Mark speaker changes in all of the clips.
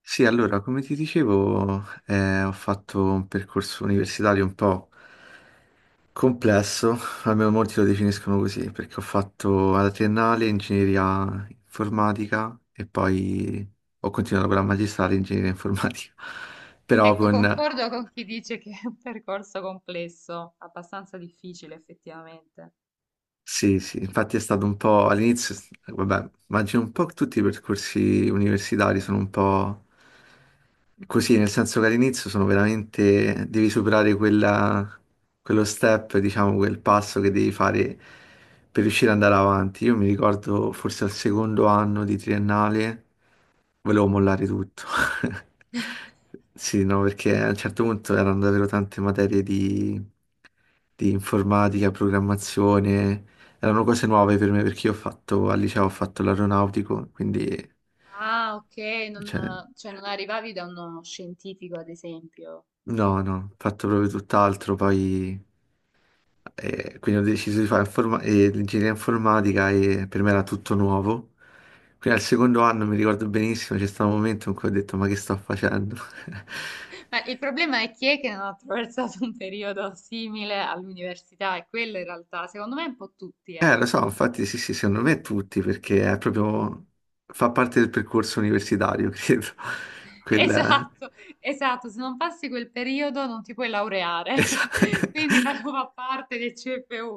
Speaker 1: Sì, allora, come ti dicevo, ho fatto un percorso universitario un po' complesso, almeno molti lo definiscono così, perché ho fatto alla triennale ingegneria informatica e poi ho continuato con la magistrale in ingegneria informatica, però
Speaker 2: Ecco,
Speaker 1: con
Speaker 2: concordo con chi dice che è un percorso complesso, abbastanza difficile effettivamente.
Speaker 1: sì, sì, infatti è stato un po' all'inizio, vabbè, immagino un po' tutti i percorsi universitari sono un po' così, nel senso che all'inizio sono veramente, devi superare quello step, diciamo, quel passo che devi fare per riuscire ad andare avanti. Io mi ricordo forse al secondo anno di triennale volevo mollare tutto. Sì, no, perché a un certo punto erano davvero tante materie di informatica, programmazione, erano cose nuove per me perché io ho fatto, al liceo ho fatto l'aeronautico, quindi,
Speaker 2: Ah, ok, non,
Speaker 1: cioè,
Speaker 2: cioè non arrivavi da uno scientifico, ad esempio.
Speaker 1: no, no, ho fatto proprio tutt'altro, poi, quindi ho deciso di fare l'ingegneria informatica e per me era tutto nuovo. Quindi al secondo anno mi ricordo benissimo, c'è stato un momento in cui ho detto ma che sto facendo?
Speaker 2: Ma il problema è chi è che non ha attraversato un periodo simile all'università, e quello in realtà, secondo me, è un po' tutti, eh.
Speaker 1: Lo so, infatti sì, sì, secondo me tutti, perché è proprio, fa parte del percorso universitario, credo. Quella...
Speaker 2: Esatto, esatto, se non passi quel periodo non ti puoi laureare,
Speaker 1: Esa-
Speaker 2: quindi fa fa parte del CFU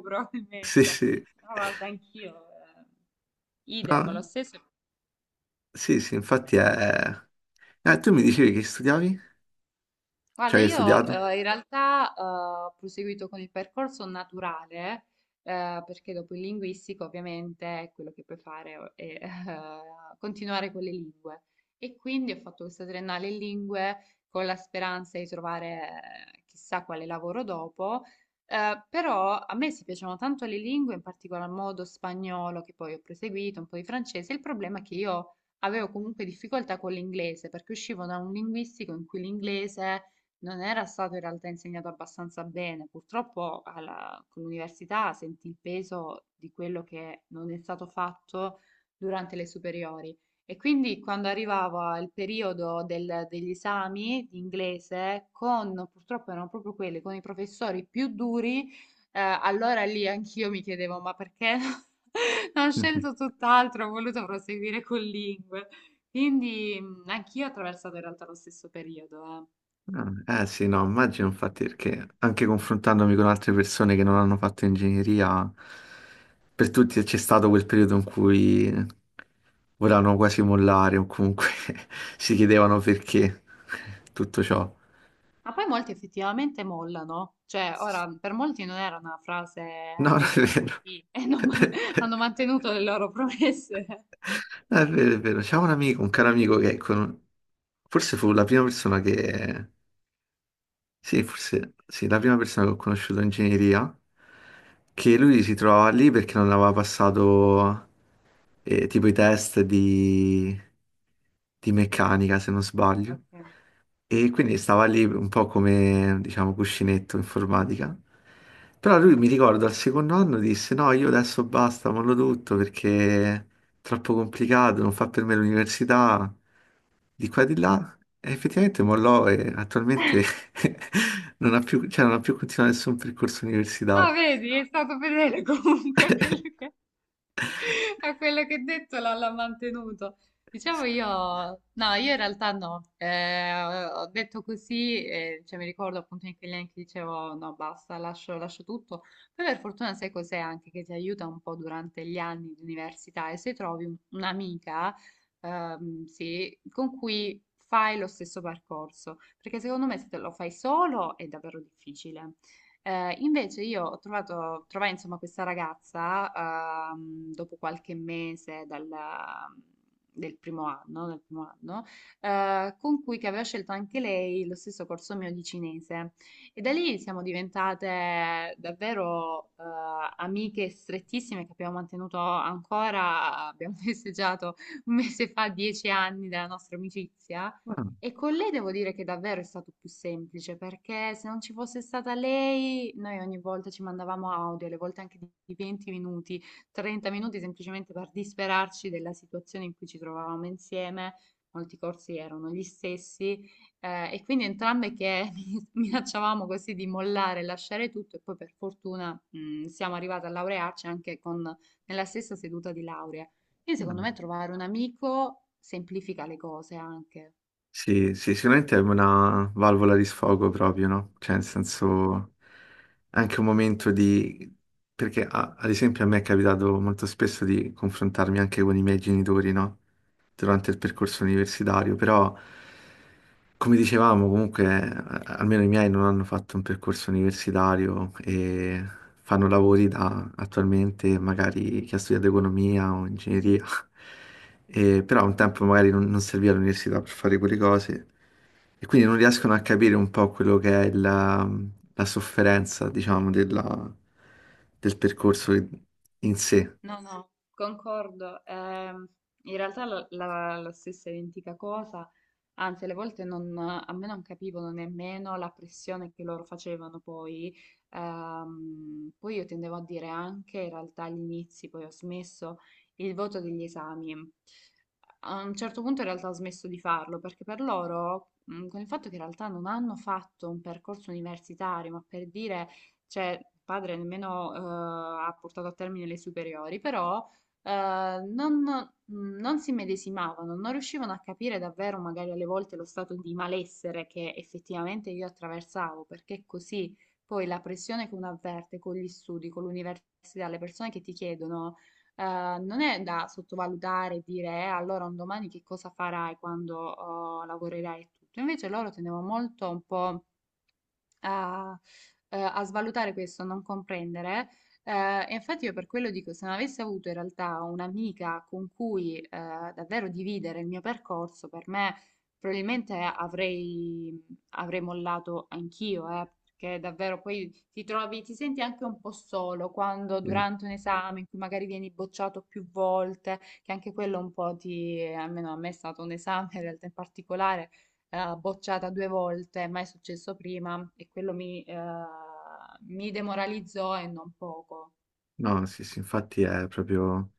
Speaker 1: Sì,
Speaker 2: probabilmente.
Speaker 1: sì.
Speaker 2: No, guarda, anch'io, idem, lo
Speaker 1: No,
Speaker 2: stesso.
Speaker 1: sì, sì, infatti è... tu mi dicevi che studiavi? Cioè,
Speaker 2: Guarda,
Speaker 1: che hai
Speaker 2: io
Speaker 1: studiato?
Speaker 2: in realtà ho proseguito con il percorso naturale, perché dopo il linguistico ovviamente quello che puoi fare è continuare con le lingue. E quindi ho fatto questa triennale in lingue con la speranza di trovare chissà quale lavoro dopo. Però a me si piacevano tanto le lingue, in particolar modo spagnolo, che poi ho proseguito, un po' di francese. Il problema è che io avevo comunque difficoltà con l'inglese, perché uscivo da un linguistico in cui l'inglese non era stato in realtà insegnato abbastanza bene. Purtroppo con l'università sentì il peso di quello che non è stato fatto durante le superiori. E quindi quando arrivava il periodo degli esami di inglese, purtroppo erano proprio quelli, con i professori più duri, allora lì anch'io mi chiedevo, ma perché non ho scelto tutt'altro, ho voluto proseguire con lingue. Quindi anch'io ho attraversato in realtà lo stesso periodo, eh.
Speaker 1: Ah, eh sì, no, immagino infatti perché anche confrontandomi con altre persone che non hanno fatto ingegneria, per tutti c'è stato quel periodo in cui volevano quasi mollare o comunque si chiedevano perché tutto ciò.
Speaker 2: Ma poi molti effettivamente mollano, cioè ora per molti non era una
Speaker 1: No,
Speaker 2: frase
Speaker 1: non è
Speaker 2: detta
Speaker 1: vero.
Speaker 2: così e non hanno mantenuto le loro promesse.
Speaker 1: No, è vero, è vero. C'è un amico, un caro amico forse fu la prima persona che sì, forse sì, la prima persona che ho conosciuto in ingegneria, che lui si trovava lì perché non aveva passato tipo i test di meccanica, se non sbaglio,
Speaker 2: Ok.
Speaker 1: e quindi stava lì un po' come, diciamo, cuscinetto informatica. Però lui mi ricordo al secondo anno disse: No, io adesso basta, mollo tutto perché è troppo complicato, non fa per me l'università di qua e di là, e effettivamente mollò e attualmente non ha più, cioè, non ha più continuato nessun percorso
Speaker 2: Ah,
Speaker 1: universitario.
Speaker 2: vedi, è stato fedele comunque a quello che, a quello che ha detto, l'ha mantenuto. Diciamo io, no, io in realtà no, ho detto così, cioè mi ricordo appunto in quegli anni che dicevo no, basta, lascio, lascio tutto. Poi per fortuna sai cos'è anche che ti aiuta un po' durante gli anni di università e se trovi un'amica, sì, con cui fai lo stesso percorso, perché secondo me se te lo fai solo è davvero difficile. Invece io ho trovai insomma questa ragazza, dopo qualche mese del primo anno, con cui che aveva scelto anche lei lo stesso corso mio di cinese, e da lì siamo diventate davvero amiche strettissime che abbiamo mantenuto ancora. Abbiamo festeggiato un mese fa 10 anni della nostra amicizia,
Speaker 1: Ah,
Speaker 2: e con lei devo dire che davvero è stato più semplice, perché se non ci fosse stata lei, noi ogni volta ci mandavamo audio, alle volte anche di 20 minuti, 30 minuti, semplicemente per disperarci della situazione in cui ci trovavamo insieme. Molti corsi erano gli stessi, e quindi entrambe che minacciavamo così di mollare, lasciare tutto, e poi per fortuna, siamo arrivate a laurearci anche nella stessa seduta di laurea. Quindi secondo me
Speaker 1: ah.
Speaker 2: trovare un amico semplifica le cose anche.
Speaker 1: Sì, sì, sicuramente è una valvola di sfogo proprio, no? Cioè, nel senso, anche un momento di... Perché, ad esempio, a me è capitato molto spesso di confrontarmi anche con i miei genitori, no? Durante il percorso universitario, però, come dicevamo, comunque, almeno i miei non hanno fatto un percorso universitario e fanno lavori da attualmente, magari chi ha studiato economia o ingegneria. E- però un tempo magari non serviva l'università per fare quelle cose e quindi non riescono a capire un po' quello che è la sofferenza, diciamo, del percorso in sé.
Speaker 2: No, no, concordo. In realtà la stessa identica cosa. Anzi, alle volte non, a me non capivano nemmeno la pressione che loro facevano poi. Poi io tendevo a dire anche, in realtà agli inizi, poi ho smesso il voto degli esami. A un certo punto in realtà ho smesso di farlo, perché per loro, con il fatto che in realtà non hanno fatto un percorso universitario, ma per dire, cioè, il padre nemmeno ha portato a termine le superiori, però non si medesimavano, non riuscivano a capire davvero, magari alle volte, lo stato di malessere che effettivamente io attraversavo. Perché così poi la pressione che uno avverte con gli studi, con l'università, le persone che ti chiedono, non è da sottovalutare, e dire allora un domani che cosa farai quando oh, lavorerai e tutto". Invece loro tenevano molto un po' a, a svalutare questo, a non comprendere. E infatti io per quello dico, se non avessi avuto in realtà un'amica con cui davvero dividere il mio percorso, per me probabilmente avrei mollato anch'io, perché davvero poi ti trovi, ti senti anche un po' solo quando
Speaker 1: Eh,
Speaker 2: durante un esame in cui magari vieni bocciato più volte. Che anche quello un po' ti, almeno a me, è stato un esame in realtà in particolare, bocciata 2 volte, ma è successo prima, e quello mi demoralizzò e non poco.
Speaker 1: No, sì, sì, infatti è proprio,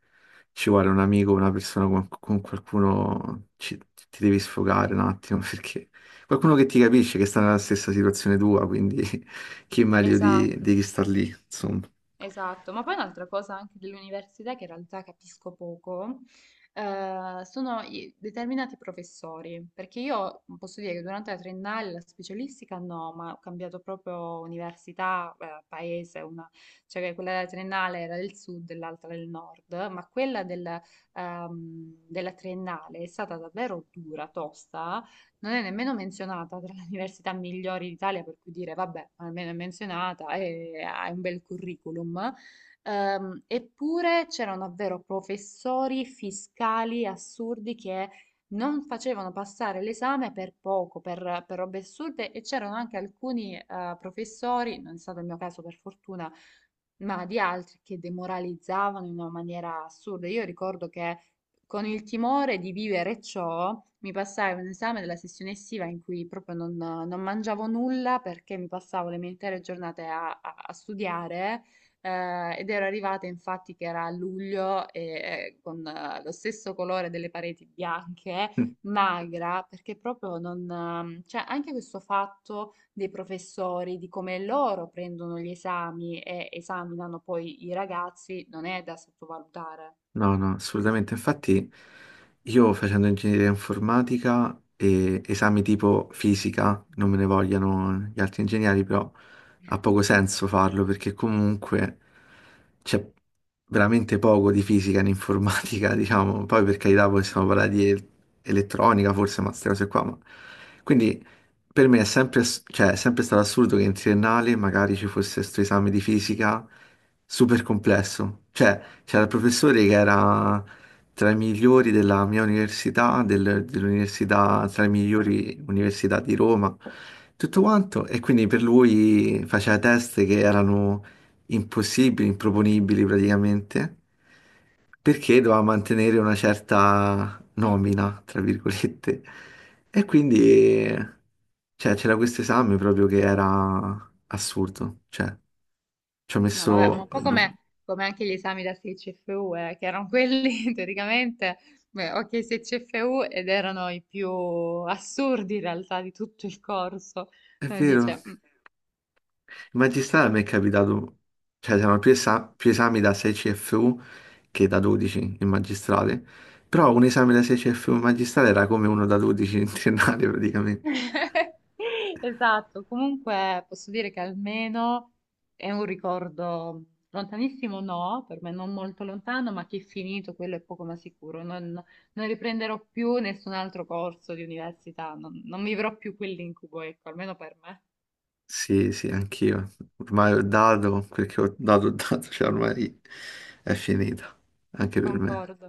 Speaker 1: ci vuole un amico, una persona con qualcuno, ci- ti devi sfogare un attimo perché qualcuno che ti capisce, che sta nella stessa situazione tua, quindi chi meglio di
Speaker 2: Esatto.
Speaker 1: chi sta lì, insomma.
Speaker 2: Esatto, ma poi un'altra cosa anche dell'università che in realtà capisco poco, sono determinati professori, perché io posso dire che durante la triennale, la specialistica no, ma ho cambiato proprio università, paese, cioè che quella della triennale era del sud e l'altra del nord, ma quella della triennale è stata davvero dura, tosta, non è nemmeno menzionata tra le università migliori d'Italia, per cui dire, vabbè, almeno è menzionata e hai un bel curriculum. Eppure c'erano davvero professori fiscali assurdi che non facevano passare l'esame per poco, per robe assurde, e c'erano anche alcuni professori, non è stato il mio caso per fortuna, ma di altri che demoralizzavano in una maniera assurda. Io ricordo che, con il timore di vivere ciò, mi passai un esame della sessione estiva in cui proprio non mangiavo nulla, perché mi passavo le mie intere giornate a studiare. Ed ero arrivata infatti che era a luglio e con lo stesso colore delle pareti bianche, magra, perché proprio non, cioè anche questo fatto dei professori, di come loro prendono gli esami e esaminano poi i ragazzi, non è da sottovalutare.
Speaker 1: No, no, assolutamente. Infatti io facendo ingegneria informatica e esami tipo fisica, non me ne vogliano gli altri ingegneri, però ha poco senso farlo perché comunque c'è veramente poco di fisica in informatica, diciamo. Poi per carità possiamo parlare di elettronica forse, ma queste cose qua. Ma- quindi per me è sempre, ass- cioè, è sempre stato assurdo che in triennale magari ci fosse questo esame di fisica super complesso. Cioè, c'era il professore che era tra i migliori della mia università, dell'università, tra le migliori università di Roma, tutto quanto. E quindi per lui faceva test che erano impossibili, improponibili praticamente, perché doveva mantenere una certa nomina, tra virgolette. E quindi, eh, cioè, c'era questo esame proprio che era assurdo. Cioè, ci ho
Speaker 2: No, vabbè, ma
Speaker 1: messo...
Speaker 2: un po' come, anche gli esami da 6 CFU, che erano quelli teoricamente, beh, ok, 6 CFU, ed erano i più assurdi in realtà di tutto il corso.
Speaker 1: È
Speaker 2: Uno
Speaker 1: vero.
Speaker 2: dice,
Speaker 1: In magistrale mi è capitato... Cioè, c'erano più esami da 6 CFU che da 12 in magistrale. Però un esame da 6 CFU in magistrale era come uno da 12 in triennale, praticamente.
Speaker 2: Esatto, comunque posso dire che almeno è un ricordo lontanissimo, no, per me non molto lontano, ma che è finito, quello è poco ma sicuro. Non riprenderò più nessun altro corso di università, non vivrò più quell'incubo, ecco, almeno per me.
Speaker 1: Sì, sì, anch'io. Ormai ho dato quel che ho dato, cioè ormai è finita, anche per me.
Speaker 2: Concordo.